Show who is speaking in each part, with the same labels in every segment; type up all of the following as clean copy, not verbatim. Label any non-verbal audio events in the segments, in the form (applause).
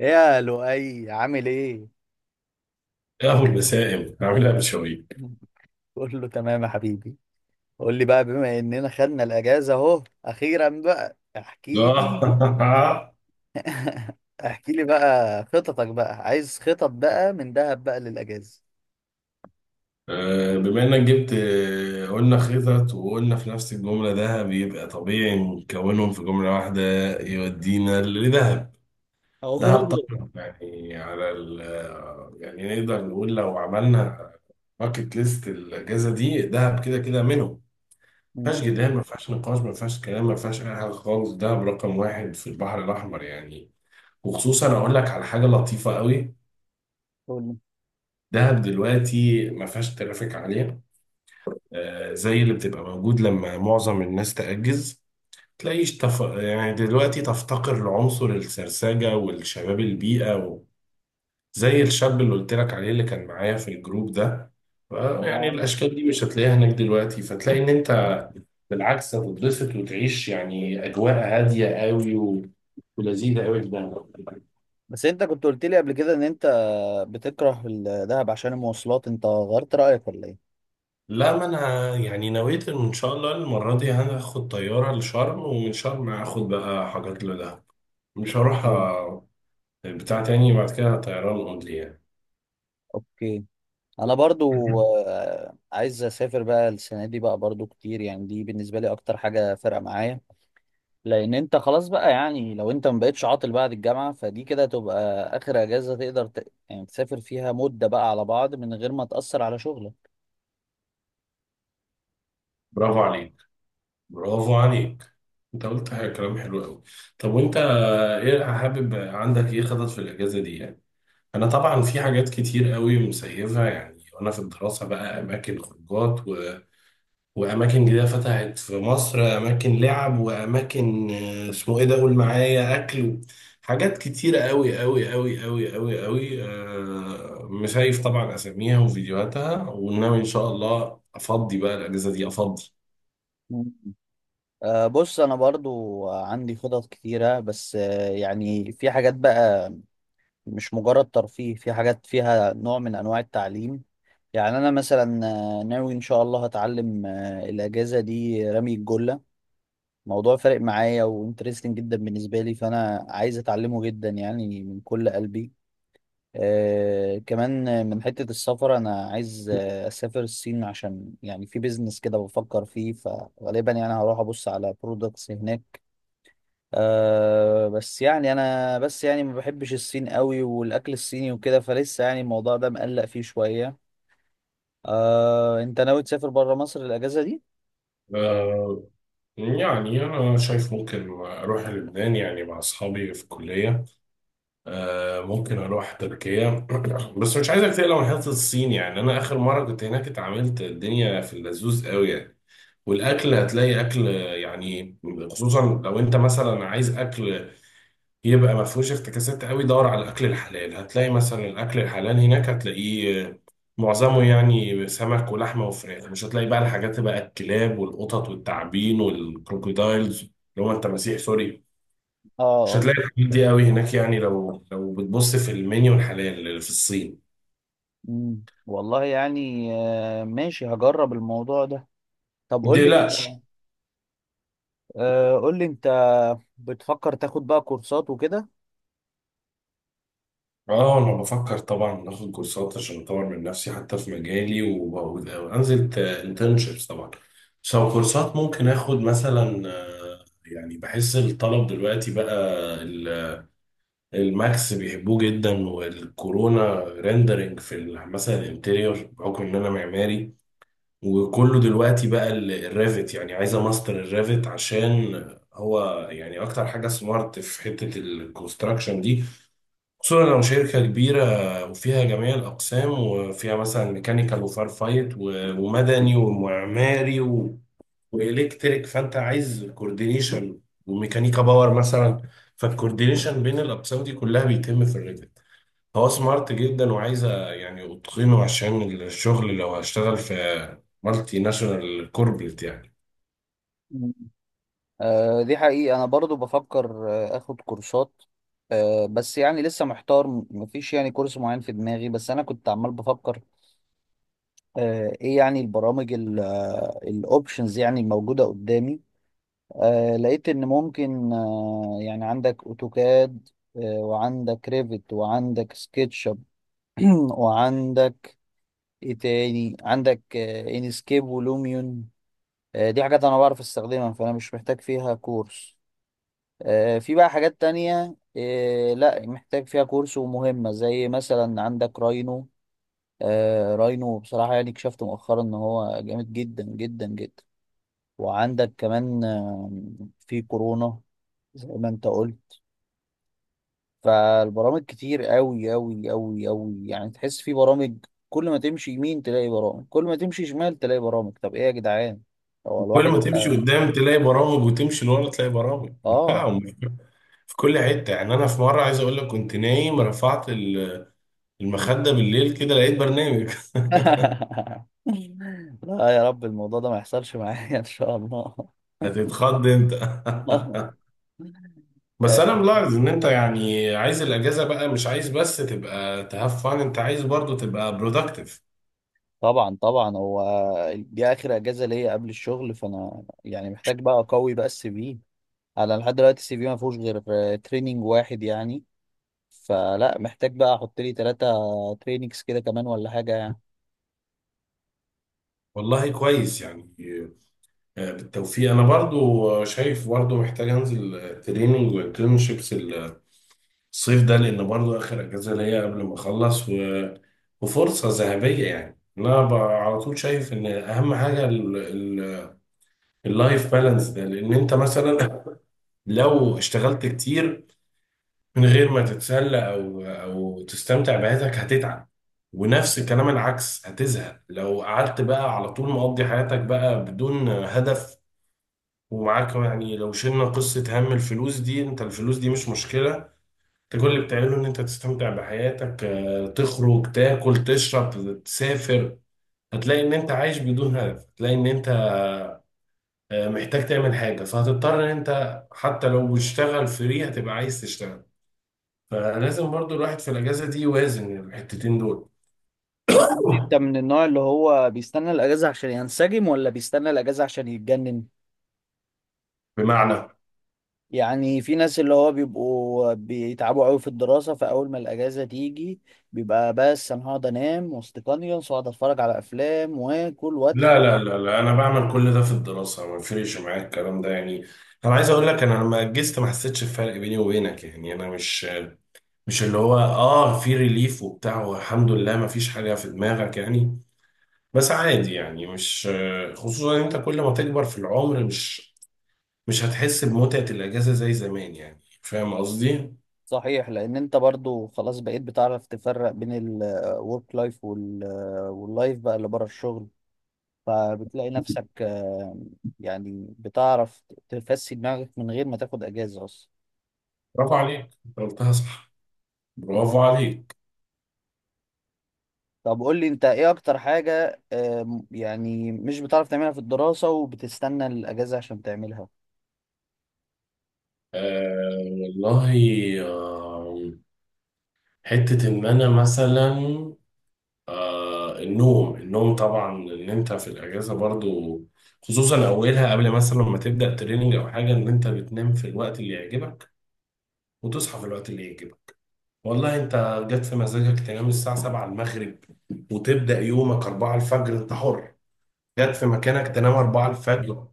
Speaker 1: ايه يا لؤي عامل ايه؟
Speaker 2: يا ابو المسائل هعملها بشويق
Speaker 1: (laughs) كله تمام يا حبيبي. قول لي بقى، بما اننا خدنا الاجازه اهو اخيرا بقى احكي لي.
Speaker 2: آه. (laughs)
Speaker 1: (laughs) احكي لي بقى خططك بقى، عايز خطط بقى من دهب بقى للاجازه.
Speaker 2: آه، بما انك جبت قلنا خطط وقلنا في نفس الجمله ده بيبقى طبيعي نكونهم في جمله واحده. يودينا لذهب. دهب طبعا.
Speaker 1: أوه.
Speaker 2: يعني على ال يعني نقدر نقول لو عملنا باكت ليست الاجازه دي دهب كده كده منهم. ما فيهاش
Speaker 1: مم.
Speaker 2: جدال، ما فيهاش نقاش، ما فيهاش كلام، ما فيهاش اي حاجه خالص. دهب رقم واحد في البحر الاحمر يعني. وخصوصا اقول لك على حاجه لطيفه قوي.
Speaker 1: قول لي.
Speaker 2: دهب دلوقتي ما فيهاش ترافيك عالية، زي اللي بتبقى موجود لما معظم الناس تأجز. يعني دلوقتي تفتقر لعنصر السرسجة والشباب البيئة و... زي الشاب اللي قلت لك عليه اللي كان معايا في الجروب ده. ف- يعني
Speaker 1: آه.
Speaker 2: الأشكال دي مش هتلاقيها هناك دلوقتي، فتلاقي إن أنت بالعكس هتتبسط وتعيش يعني أجواء هادية قوي و... ولذيذة قوي في دهب.
Speaker 1: بس انت كنت قلت لي قبل كده ان انت بتكره الدهب عشان المواصلات، انت غيرت رايك ولا ايه؟
Speaker 2: لا، ما انا يعني نويت ان شاء الله المره دي هاخد طياره لشرم، ومن شرم هاخد بقى حاجات لدهب. مش هروح
Speaker 1: إيه.
Speaker 2: أ- بتاع تاني بعد كده طيران اونلي يعني.
Speaker 1: اوكي. انا برضو
Speaker 2: (laughs)
Speaker 1: عايز اسافر بقى السنه دي بقى برضو كتير، يعني دي بالنسبه لي اكتر حاجه فارقه معايا. لان انت خلاص بقى، يعني لو انت ما بقتش عاطل بعد الجامعه فدي كده تبقى اخر اجازه تقدر يعني تسافر فيها مده بقى على بعض من غير ما تاثر على شغلك.
Speaker 2: برافو عليك، برافو عليك. انت قلت كلام حلو قوي. طب وانت ايه حابب، عندك ايه خطط في الاجازه دي يعني؟ انا طبعا في حاجات كتير قوي مسيفه يعني وانا في الدراسه بقى، اماكن خروجات وأماكن جديدة فتحت في مصر، أماكن لعب وأماكن اسمه إيه ده، قول معايا، أكل. حاجات كتيرة أوي أوي أوي أوي أوي أوي، مشايف طبعا أساميها وفيديوهاتها، وناوي إن شاء الله أفضي بقى الأجازة دي أفضي.
Speaker 1: مم. أه بص، انا برضو عندي خطط كتيره، بس أه يعني في حاجات بقى مش مجرد ترفيه، في حاجات فيها نوع من انواع التعليم. يعني انا مثلا ناوي ان شاء الله هتعلم الاجازه دي رمي الجله. موضوع فارق معايا وانترستنج جدا بالنسبه لي، فانا عايز اتعلمه جدا يعني من كل قلبي. آه كمان من حتة السفر، أنا عايز أسافر الصين عشان يعني في بيزنس كده بفكر فيه، فغالبا يعني هروح أبص على برودكتس هناك. آه بس يعني أنا بس يعني ما بحبش الصين قوي، والأكل الصيني وكده فلسه، يعني الموضوع ده مقلق فيه شوية. آه، أنت ناوي تسافر برا مصر الأجازة دي؟
Speaker 2: آه، يعني أنا شايف ممكن أروح لبنان يعني مع أصحابي في الكلية، ممكن أروح تركيا. (coughs) (clears throat) بس مش عايزك تقلق من حتة الصين، يعني أنا آخر مرة كنت هناك اتعاملت الدنيا في اللذوذ أوي يعني. والاكل هتلاقي اكل يعني، خصوصا لو انت مثلا عايز اكل يبقى ما فيهوش افتكاسات قوي، دور على الاكل الحلال هتلاقي، مثلا الاكل الحلال هناك هتلاقيه، معظمه يعني سمك ولحمه وفراخ. مش هتلاقي بقى الحاجات بقى الكلاب والقطط والتعابين والكروكودايلز اللي هو انت مسيح سوري.
Speaker 1: آه
Speaker 2: مش
Speaker 1: آه.
Speaker 2: هتلاقي الحاجات دي قوي هناك، يعني لو بتبص في المنيو الحلال في الصين.
Speaker 1: مم. والله يعني آه ماشي، هجرب الموضوع ده. طب
Speaker 2: ما
Speaker 1: قول لي،
Speaker 2: تقلقش.
Speaker 1: آه قول لي أنت، بتفكر تاخد بقى كورسات وكده؟
Speaker 2: اه انا بفكر طبعا اخد كورسات عشان اطور من نفسي حتى في مجالي وانزل انترنشيبس طبعا. بس لو كورسات ممكن اخد مثلا، يعني بحس الطلب دلوقتي بقى ال- الماكس بيحبوه جدا، والكورونا ريندرنج في مثلا الانتيريور، بحكم ان انا معماري. وكله دلوقتي بقى الريفت، يعني عايزه ماستر الريفت عشان هو يعني اكتر حاجه سمارت في حته الكونستراكشن دي. خصوصا لو شركة كبيرة وفيها جميع الأقسام، وفيها مثلا ميكانيكال وفار فايت ومدني ومعماري و... وإلكتريك، فأنت عايز كوردينيشن وميكانيكا باور مثلا. فالكوردينيشن بين الأقسام دي كلها بيتم في الريفت. هو سمارت جدا وعايزة يعني أتقنه عشان الشغل لو هشتغل في مالتي ناشونال كوربريت يعني.
Speaker 1: آه، دي حقيقة أنا برضو بفكر أخد كورسات. آه، بس يعني لسه محتار، مفيش يعني كورس معين في دماغي، بس أنا كنت عمال بفكر آه، إيه يعني البرامج، الأوبشنز يعني الموجودة قدامي. آه، لقيت إن ممكن آه، يعني عندك أوتوكاد، وعندك ريفت وعندك سكتش اب (clears throat) وعندك إيه تاني، عندك إنسكيب ولوميون. آه، دي حاجات أنا بعرف أستخدمها فأنا مش محتاج فيها كورس. آه، في بقى حاجات تانية آه، لا محتاج فيها كورس ومهمة زي مثلا عندك راينو. آه، راينو بصراحة يعني اكتشفت مؤخرا ان هو جامد جدا جدا جدا. وعندك كمان في كورونا زي ما انت قلت. فالبرامج كتير قوي قوي قوي قوي، يعني تحس في برامج، كل ما تمشي يمين تلاقي برامج، كل ما تمشي شمال تلاقي برامج. طب ايه يا جدعان، هو
Speaker 2: كل
Speaker 1: الواحد
Speaker 2: ما تمشي
Speaker 1: اه.
Speaker 2: قدام تلاقي برامج، وتمشي لورا تلاقي برامج.
Speaker 1: آه.
Speaker 2: (laughs) في كل حتة يعني، أنا في مرة عايز أقول لك، كنت نايم رفعت المخدة بالليل كده لقيت برنامج.
Speaker 1: (laughs) لا يا رب الموضوع ده ما يحصلش معايا ان شاء الله.
Speaker 2: (laughs) هتتخض أنت.
Speaker 1: (laughs)
Speaker 2: (laughs)
Speaker 1: آه،
Speaker 2: بس أنا ملاحظ إن أنت يعني عايز الأجازة بقى مش عايز بس تبقى تهاف فان، أنت عايز برضو تبقى برودكتيف.
Speaker 1: طبعا طبعا. هو دي اخر اجازه ليا قبل الشغل، فانا يعني محتاج بقى اقوي بقى السي في. انا لحد دلوقتي السي في ما فيهوش غير تريننج واحد يعني، فلا محتاج بقى احط لي ثلاثه تريننجز كده كمان ولا حاجه يعني.
Speaker 2: والله كويس يعني. بالتوفيق. أنا برضو شايف برضو محتاج أنزل تريننج وانترنشيبس الصيف ده، لان برضو اخر اجازه ليا قبل ما اخلص و... وفرصه ذهبيه يعني. انا على طول شايف ان اهم حاجه ال... ال... اللايف بالانس ده. لان انت مثلا لو اشتغلت كتير من غير ما تتسلى او تستمتع بحياتك هتتعب. ونفس الكلام العكس، هتزهق لو قعدت بقى على طول مقضي حياتك بقى بدون هدف. ومعاك يعني، لو شلنا قصة هم الفلوس دي، انت الفلوس دي مش مشكلة. انت كل اللي بتعمله ان انت تستمتع بحياتك، تخرج تاكل تشرب تسافر، هتلاقي ان انت عايش بدون هدف، هتلاقي ان انت محتاج تعمل حاجة، فهتضطر ان انت حتى لو بتشتغل فري هتبقى عايز تشتغل. فلازم برضو الواحد في الاجازة دي يوازن الحتتين دول.
Speaker 1: طب قول لي، انت
Speaker 2: (coughs)
Speaker 1: من النوع اللي هو بيستنى الاجازه عشان ينسجم ولا بيستنى الاجازه عشان يتجنن؟
Speaker 2: بمعنى،
Speaker 1: يعني في ناس اللي هو بيبقوا بيتعبوا قوي في الدراسة، فأول ما الأجازة تيجي بيبقى بس أنا هقعد أنام واستيقظ، وأقعد أتفرج على أفلام وآكل وأتخ.
Speaker 2: لا انا بعمل كل ده في الدراسة، ما بفرقش معايا الكلام ده يعني. انا عايز اقول لك انا لما اجزت ما حسيتش بفرق بيني وبينك، يعني انا مش اللي هو اه في ريليف وبتاع والحمد لله ما فيش حاجة في دماغك يعني. بس عادي يعني، مش خصوصا إن انت كل ما تكبر في العمر مش هتحس بمتعة الأجازة زي زمان، يعني فاهم قصدي؟
Speaker 1: صحيح، لأن أنت برضو خلاص بقيت بتعرف تفرق بين الورك لايف واللايف بقى اللي بره الشغل، فبتلاقي نفسك يعني بتعرف تفسي دماغك من غير ما تاخد أجازة أصلا.
Speaker 2: برافو عليك، أنت قلتها صح. برافو عليك.
Speaker 1: طب قول لي أنت، إيه أكتر حاجة يعني مش بتعرف تعملها في الدراسة وبتستنى الأجازة عشان تعملها؟
Speaker 2: آه والله. آه. حتة إن أنا مثلا، آه النوم، النوم طبعا، إن أنت في الأجازة برضو، خصوصا أولها قبل مثلا ما تبدأ تريننج أو حاجة، إن أنت بتنام في الوقت اللي يعجبك وتصحى في الوقت اللي يعجبك. والله انت جت في مزاجك تنام الساعة 7 المغرب وتبدأ يومك 4 الفجر، انت حر. جت في مكانك تنام 4 الفجر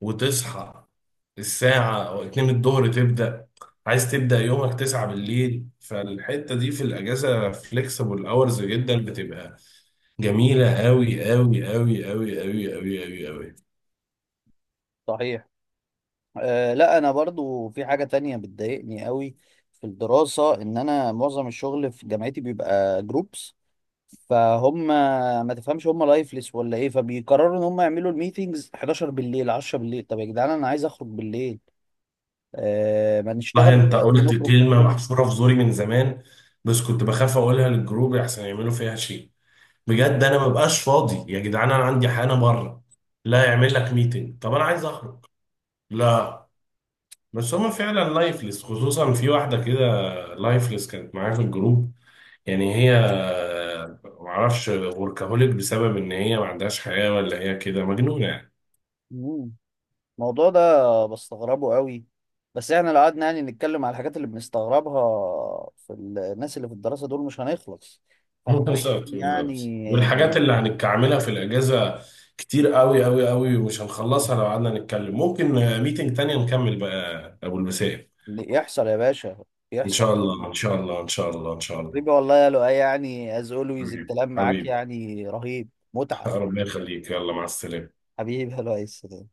Speaker 2: وتصحى الساعة أو 2 الظهر تبدأ، عايز تبدأ يومك 9 بالليل، فالحتة دي في الأجازة فليكسبل أورز جدا، بتبقى جميلة أوي أوي أوي أوي أوي أوي أوي أوي.
Speaker 1: صحيح. أه لا انا برضو في حاجة تانية بتضايقني قوي في الدراسة، ان انا معظم الشغل في جامعتي بيبقى جروبس، فهم ما تفهمش هم لايفلس ولا ايه، فبيقرروا ان هم يعملوا الميتينجز 11 بالليل، 10 بالليل. طب يا جدعان انا عايز اخرج بالليل. أه، ما نشتغل
Speaker 2: والله أنت
Speaker 1: الصبح
Speaker 2: قلت
Speaker 1: ونخرج
Speaker 2: كلمة
Speaker 1: بالليل.
Speaker 2: محفورة في زوري من زمان، بس كنت بخاف أقولها للجروب أحسن يعملوا فيها شيء. بجد انا مبقاش فاضي يا جدعان، انا عندي حاجه بره. لا يعمل لك ميتنج، طب انا عايز اخرج. لا. بس هما فعلا لايفلس، خصوصا في واحده كده لايفلس كانت معايا في الجروب، يعني هي معرفش وركهوليك بسبب ان هي ما عندهاش حياه، ولا هي كده مجنونه يعني.
Speaker 1: مم. الموضوع ده بستغربه قوي، بس احنا لو قعدنا يعني نتكلم على الحاجات اللي بنستغربها في الناس اللي في الدراسة دول مش هنخلص،
Speaker 2: (laughs)
Speaker 1: فاحنا عايزين
Speaker 2: بالظبط، بالظبط.
Speaker 1: يعني.
Speaker 2: والحاجات اللي هنتعملها في الاجازه كتير قوي قوي قوي ومش هنخلصها لو قعدنا نتكلم. ممكن ميتنج تانية نكمل بقى ابو البسائم.
Speaker 1: يحصل يا باشا،
Speaker 2: ان
Speaker 1: يحصل
Speaker 2: شاء الله،
Speaker 1: اكيد.
Speaker 2: ان شاء الله، ان شاء الله، ان شاء الله.
Speaker 1: حبيبي والله يا لؤي، يعني از اولويز
Speaker 2: حبيبي،
Speaker 1: الكلام معاك
Speaker 2: حبيبي.
Speaker 1: يعني رهيب.
Speaker 2: (laughs)
Speaker 1: متعة.
Speaker 2: ربنا يخليك، يلا مع السلامة.
Speaker 1: حبيبي يا لؤي.